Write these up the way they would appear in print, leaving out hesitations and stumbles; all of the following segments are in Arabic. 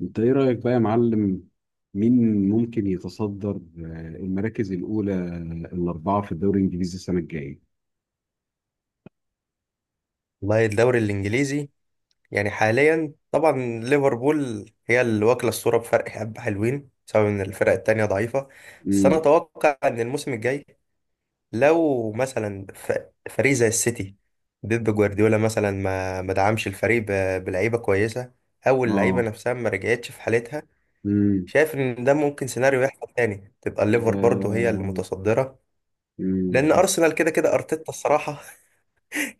انت ايه رأيك بقى يا معلم؟ مين ممكن يتصدر المراكز الأولى، الأربعة في الدوري الإنجليزي السنة الجاية؟ والله الدوري الانجليزي يعني حاليا طبعا ليفربول هي اللي واكله الصوره بفرق حبه حلوين بسبب ان الفرق التانية ضعيفه. بس انا امم اتوقع ان الموسم الجاي لو مثلا فريق زي السيتي، بيب جوارديولا مثلا ما دعمش الفريق بلعيبه كويسه، او اللعيبه اه نفسها ما رجعتش في حالتها، امم شايف ان ده ممكن سيناريو يحصل تاني، تبقى ده الليفر برضه هي اللي متصدره. لان بس ارسنال كده كده ارتيتا الصراحه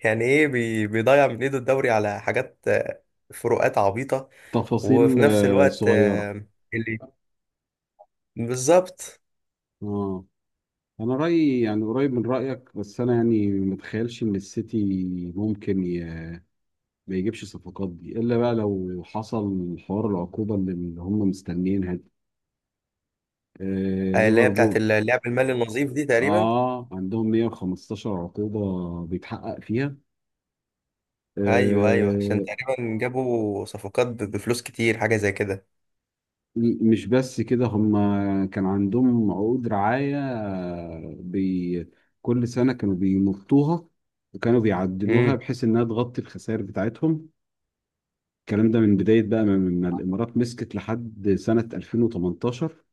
يعني ايه، بيضيع من ايده الدوري على حاجات فروقات عبيطة. تفاصيل وفي نفس الوقت صغيرة. اللي بالظبط اه أنا رأيي يعني قريب من رأيك، بس أنا يعني متخيلش إن السيتي ممكن ما يجيبش الصفقات دي إلا بقى لو حصل حوار العقوبة اللي هم مستنيينها دي. آه، اللي هي بتاعت ليفربول. اللعب المالي النظيف دي تقريبا. اه عندهم 115 عقوبة بيتحقق فيها. ايوه ايوه، عشان آه، تقريبا جابوا صفقات بفلوس كتير حاجة زي كده. مش بس كده هم، كان عندهم عقود رعاية، بي كل سنة كانوا بيمطوها وكانوا بيعدلوها امم. بحيث انها تغطي الخسائر بتاعتهم. الكلام ده من بداية بقى ما الامارات مسكت لحد سنة 2018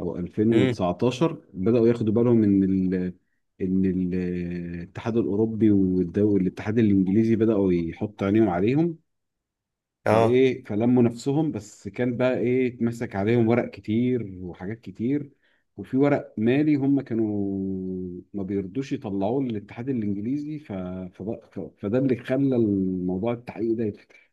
او امم. 2019. بدأوا ياخدوا بالهم ان الاتحاد الاوروبي والدول الاتحاد الانجليزي بداوا يحط عينيهم عليهم، اه. فايه فلموا نفسهم، بس كان بقى ايه، اتمسك عليهم ورق كتير وحاجات كتير. وفي ورق مالي هم كانوا ما بيرضوش يطلعوه للاتحاد الانجليزي، ف... ف... ف... فده اللي خلى الموضوع التحقيق ده يتفتح.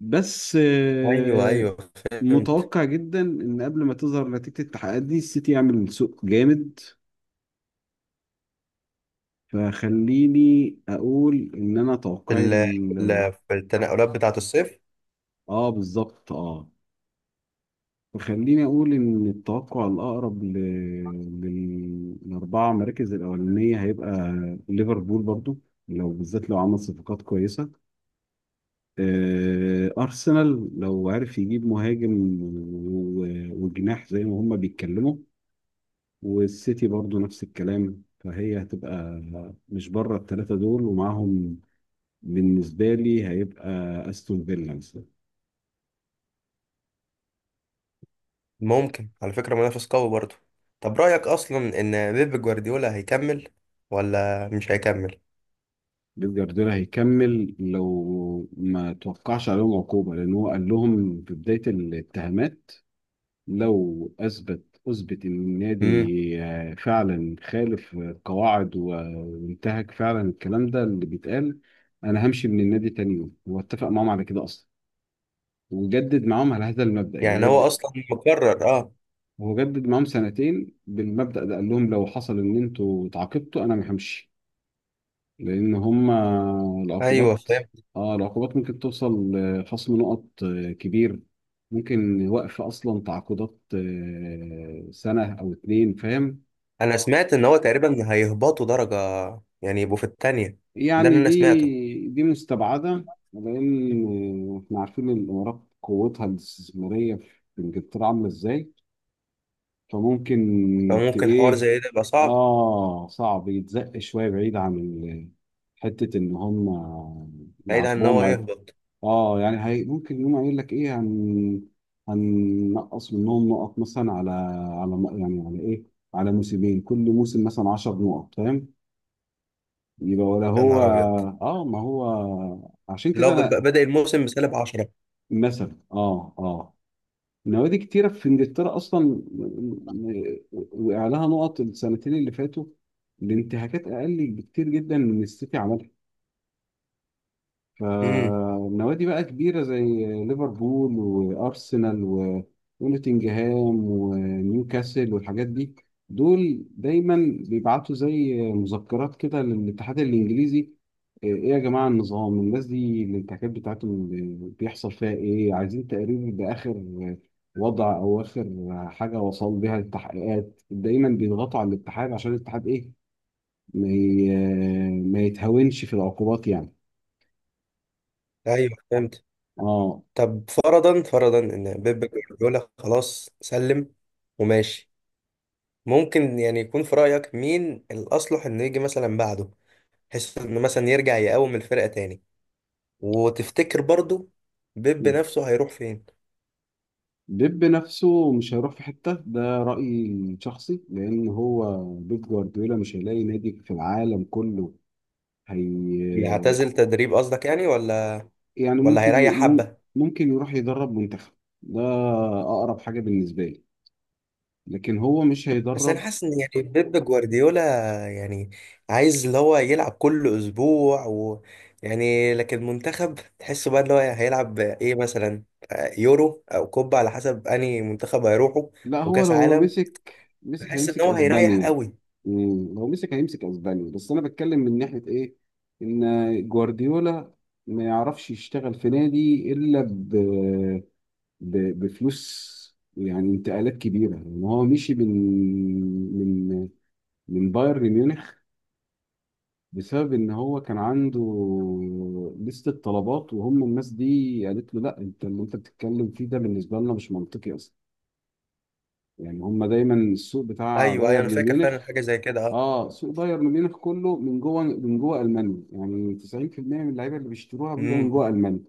بس ايوه ايوه فهمت. متوقع جدا ان قبل ما تظهر نتيجة التحقيقات دي السيتي يعمل سوق جامد. فخليني اقول ان انا توقعي في التنقلات بتاعت الصيف. اه بالظبط اه. خليني أقول إن التوقع الأقرب للأربعة مراكز الأولانية هيبقى ليفربول برضو، لو بالذات لو عمل صفقات كويسة. أرسنال لو عرف يجيب مهاجم وجناح زي ما هما بيتكلموا. والسيتي برضو نفس الكلام، فهي هتبقى مش بره الثلاثة دول. ومعاهم بالنسبة لي هيبقى أستون فيلا مثلا. ممكن على فكرة منافس قوي برضه. طب رأيك اصلا ان بيب جوارديولا هيكمل ولا مش هيكمل؟ بيب جوارديولا هيكمل لو ما توقعش عليهم عقوبة، لأن هو قال لهم في بداية الاتهامات: لو أثبت إن النادي امم. فعلا خالف القواعد وانتهك فعلا الكلام ده اللي بيتقال، أنا همشي من النادي تاني يوم. هو اتفق معاهم على كده أصلا، وجدد معاهم على هذا المبدأ. يعني يعني هو جدد، اصلا مكرر اه. هو جدد معاهم سنتين بالمبدأ ده. قال لهم لو حصل إن أنتوا اتعاقبتوا أنا ما همشي، لأن هما ايوه العقوبات، فاهم. اه العقوبات ممكن توصل لخصم نقط كبير، ممكن وقف أصلا تعاقدات سنة أو اتنين، فاهم؟ انا سمعت ان هو تقريبا هيهبطوا درجه، يعني يبقوا في التانية. ده اللي يعني دي انا سمعته. دي مستبعدة، لأن احنا عارفين إن الإمارات قوتها الاستثمارية في إنجلترا عاملة إزاي. فممكن ت فممكن حوار إيه، زي ده يبقى صعب، آه صعب يتزق شوية بعيد عن حتة إن هم بعيد عن ان هو يعاقبوهم. يهبط. اه، يعني هي ممكن يقوم قايل لك ايه، هن هننقص منهم نقط مثلا على يعني على ايه، على موسمين كل موسم مثلا 10 نقط، فاهم؟ يبقى ولا يا هو، نهار ابيض، اه، ما هو عشان كده لو انا بدأ الموسم بسالب 10. مثلا. اه اه، نوادي كتيره في انجلترا اصلا وقع لها نقط السنتين اللي فاتوا لانتهاكات اقل بكتير جدا من السيتي عملها. امم. فالنوادي بقى كبيرة زي ليفربول وأرسنال ونوتنجهام ونيوكاسل والحاجات دي، دول دايما بيبعتوا زي مذكرات كده للاتحاد الإنجليزي: إيه يا جماعة النظام، الناس دي الانتهاكات بتاعتهم بيحصل فيها إيه، عايزين تقرير بآخر وضع أو آخر حاجة وصل بيها التحقيقات. دايما بيضغطوا على الاتحاد عشان الاتحاد إيه، ما يتهاونش في العقوبات يعني. ايوه فهمت. اه. طب فرضا فرضا ان بيب جوارديولا خلاص سلم وماشي، ممكن يعني يكون في رأيك مين الأصلح إنه يجي مثلا بعده، بحيث إنه مثلا يرجع يقوم الفرقة تاني؟ وتفتكر برضو بيب نفسه هيروح فين؟ بيب نفسه مش هيروح في حتة، ده رأيي شخصي، لأن هو بيب جوارديولا مش هيلاقي نادي في العالم كله. هي يعتزل تدريب قصدك يعني، ولا يعني ولا ممكن هيريح حبة؟ ممكن يروح يدرب منتخب، ده أقرب حاجة بالنسبة لي. لكن هو مش بس انا هيدرب. حاسس ان يعني بيب جوارديولا يعني عايز اللي هو يلعب كل اسبوع و يعني، لكن المنتخب تحسه بقى اللي هو هيلعب ايه مثلا، يورو او كوبا على حسب انهي منتخب هيروحوا، لا هو، وكاس لو لو عالم. مسك مسك بحس ان هيمسك هو هيريح أسبانيا. قوي. مم، لو مسك هيمسك أسبانيا. بس أنا بتكلم من ناحية إيه، إن جوارديولا ما يعرفش يشتغل في نادي إلا بفلوس، يعني انتقالات كبيره. ان هو مشي من من بايرن ميونخ بسبب ان هو كان عنده لستة طلبات، وهم الناس دي قالت له لا، انت اللي انت بتتكلم فيه ده بالنسبه لنا مش منطقي اصلا. يعني هم دايما السوق بتاع ايوه ايوه انا بايرن فاكر ميونخ، فعلا حاجة زي كده. اه، سوق بايرن ميونخ كله من جوه، من جوه المانيا. يعني 90% من اللعيبه اللي بيشتروها بيبقى من اه جوه المانيا.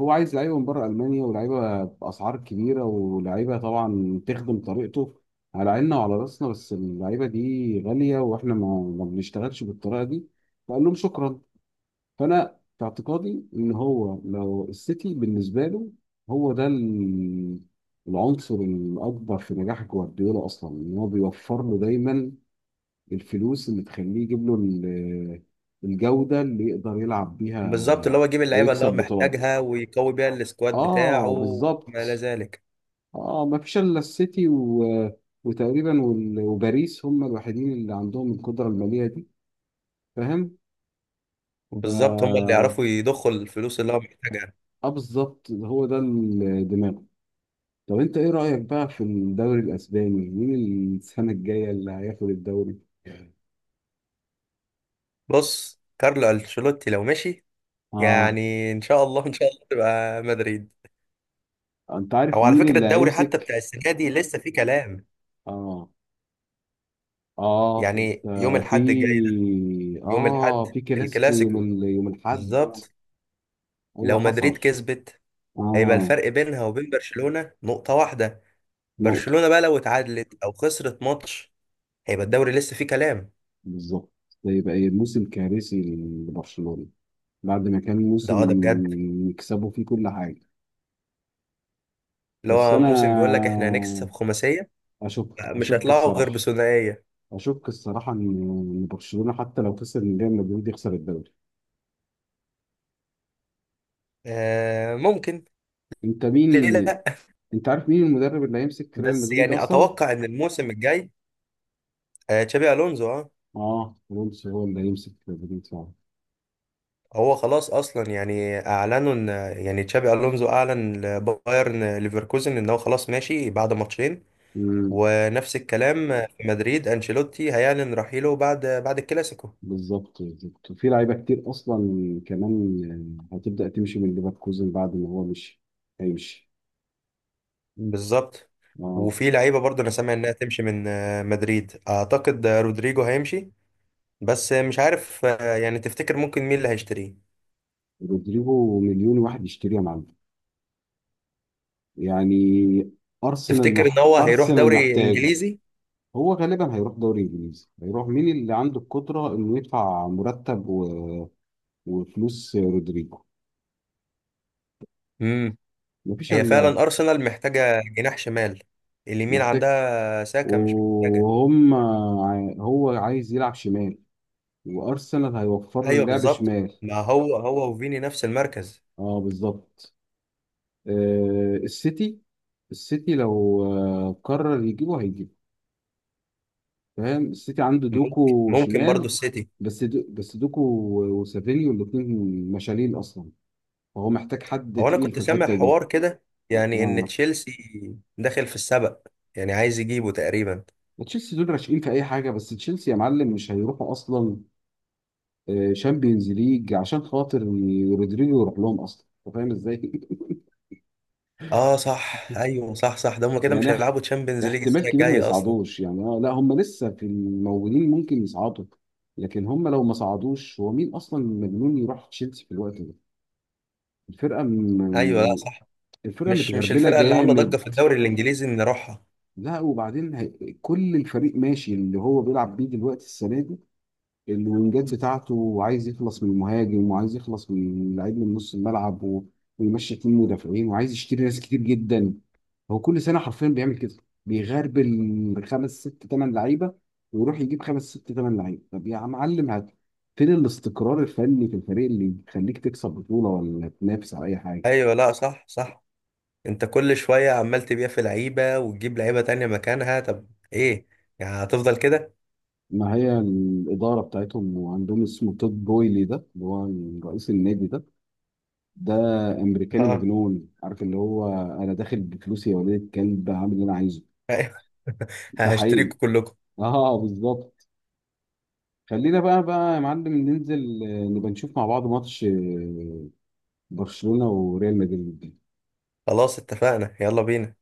هو عايز لعيبه من بره المانيا، ولعيبه باسعار كبيره، ولعيبه طبعا تخدم طريقته. على عيننا وعلى راسنا، بس اللعيبه دي غاليه واحنا ما بنشتغلش بالطريقه دي. فقال لهم شكرا. فانا في اعتقادي ان هو لو السيتي بالنسبه له، هو ده العنصر الاكبر في نجاح جوارديولا اصلا، ان هو بيوفر له دايما الفلوس اللي تخليه يجيب له الجودة اللي يقدر يلعب بالظبط، اللي بيها هو يجيب اللعيبه اللي هو ويكسب بطولات. محتاجها ويقوي بيها السكواد اه بتاعه ما الى بالظبط. ذلك. اه ما فيش الا السيتي وتقريبا وباريس، هم الوحيدين اللي عندهم القدرة المالية دي، فاهم؟ ف بالظبط، هم اللي يعرفوا يضخوا الفلوس اللي هو محتاجها. اه بالظبط، هو ده الدماغ. طب انت ايه رأيك بقى في الدوري الاسباني، مين السنة الجاية اللي هياخد الدوري؟ بص، كارلو انشيلوتي لو مشي، اه. يعني ان شاء الله ان شاء الله تبقى مدريد. انت عارف او على مين فكره اللي الدوري حتى بتاع هيمسك؟ السنه دي لسه فيه كلام، اه. اه يعني يوم انت. في، الاحد الجاي ده. يوم اه الاحد في كلاسيكو يوم الكلاسيكو، يوم الاحد. بالظبط. ايوه، لو حصل. مدريد كسبت هيبقى اه. الفرق بينها وبين برشلونه نقطه واحده. نقطة. برشلونه بقى لو اتعادلت او خسرت ماتش هيبقى الدوري لسه فيه كلام. بالظبط. ده يبقى ايه، موسم كارثي لبرشلونة، بعد ما كان ده موسم اه ده بجد. يكسبوا فيه كل حاجة. اللي بس هو انا موسم بيقول لك احنا هنكسب خماسية، اشك، مش اشك هيطلعوا غير الصراحة، بثنائية. اشك الصراحة ان، إن برشلونة حتى لو خسر من ريال مدريد يخسر الدوري. آه ممكن، انت ليه مين، لا. انت عارف مين المدرب اللي هيمسك ريال بس مدريد يعني اصلا؟ اتوقع ان الموسم الجاي، تشابي الونزو اه. اه الونسو هو اللي هيمسك ريال مدريد. هو خلاص اصلا يعني اعلنوا ان، يعني تشابي الونزو اعلن لبايرن ليفركوزن ان هو خلاص ماشي بعد ماتشين. فعلا. ونفس الكلام في مدريد، انشيلوتي هيعلن رحيله بعد الكلاسيكو. بالظبط بالظبط. وفي لعيبه كتير اصلا كمان هتبدا تمشي من ليفركوزن بعد ما هو مشي، هيمشي. بالظبط. اه. وفي لعيبه برضه انا سامع انها تمشي من مدريد، اعتقد رودريجو هيمشي. بس مش عارف يعني تفتكر ممكن مين اللي هيشتريه. رودريجو مليون واحد يشتريه يا معلم، يعني تفتكر ان هو هيروح ارسنال دوري محتاجه. انجليزي؟ هو غالبا هيروح دوري انجليزي، هيروح مين اللي عنده القدره انه يدفع مرتب وفلوس رودريجو. امم. مفيش هي الا. فعلا ارسنال محتاجه جناح شمال، اليمين محتاج. عندها ساكا مش محتاجه. وهم، هو عايز يلعب شمال، وارسنال هيوفر له ايوه اللعب بالظبط، شمال. ما هو هو وفيني نفس المركز. اه بالظبط. السيتي، السيتي لو قرر يجيبه هيجيبه، فاهم؟ السيتي عنده ممكن، دوكو ممكن برضو شمال، السيتي. بس دو بس دوكو وسافينيو الاثنين مشالين اصلا، فهو محتاج حد هو انا تقيل في كنت سامع الحته دي. حوار كده، يعني ان اه. تشيلسي داخل في السبق، يعني عايز يجيبه تقريبا. تشيلسي دول راشقين في اي حاجه، بس تشيلسي يا معلم مش هيروحوا اصلا شامبيونز ليج عشان خاطر رودريجو يروح لهم اصلا، انت فاهم ازاي؟ اه صح، ايوه صح صح، ده هم كده مش يعني هيلعبوا تشامبيونز ليج احتمال السنه كبير ما الجايه اصلا. يصعدوش يعني، لا هم لسه في الموجودين ممكن يصعدوا، لكن هم لو ما صعدوش هو مين اصلا مجنون يروح تشيلسي في الوقت ده. الفرقه م... ايوه لا م- صح. الفرقه مش متغربله الفرقة اللي عاملة ضجة في جامد. الدوري الإنجليزي إن نروحها. لا وبعدين هي... كل الفريق ماشي اللي هو بيلعب بيه دلوقتي السنه دي، الوينجات بتاعته، وعايز يخلص من المهاجم، وعايز يخلص من لعيب من نص الملعب ويمشي اتنين مدافعين، وعايز يشتري ناس كتير جدا. هو كل سنه حرفيا بيعمل كده، بيغربل خمس ست ثمان لعيبه، ويروح يجيب خمس ست ثمان لعيبه. طب يا معلم هات فين الاستقرار الفني في الفريق اللي يخليك تكسب بطوله ولا تنافس على اي حاجه؟ أيوة لا صح صح. أنت كل شوية عمال تبيع في لعيبة وتجيب لعيبة تانية مكانها، طب إيه يعني هتفضل كده؟ ما هي الاداره بتاعتهم، وعندهم اسمه تود بويلي ده اللي هو رئيس النادي ده، ده امريكاني اه. مجنون، عارف اللي هو، انا داخل بفلوسي يا ولاد الكلب هعمل اللي انا عايزه. أيوة. ده حقيقي. هشتريكوا كلكم. اه بالظبط. خلينا بقى يا معلم ننزل، نبقى نشوف مع بعض ماتش برشلونة وريال مدريد. خلاص اتفقنا، يلا بينا.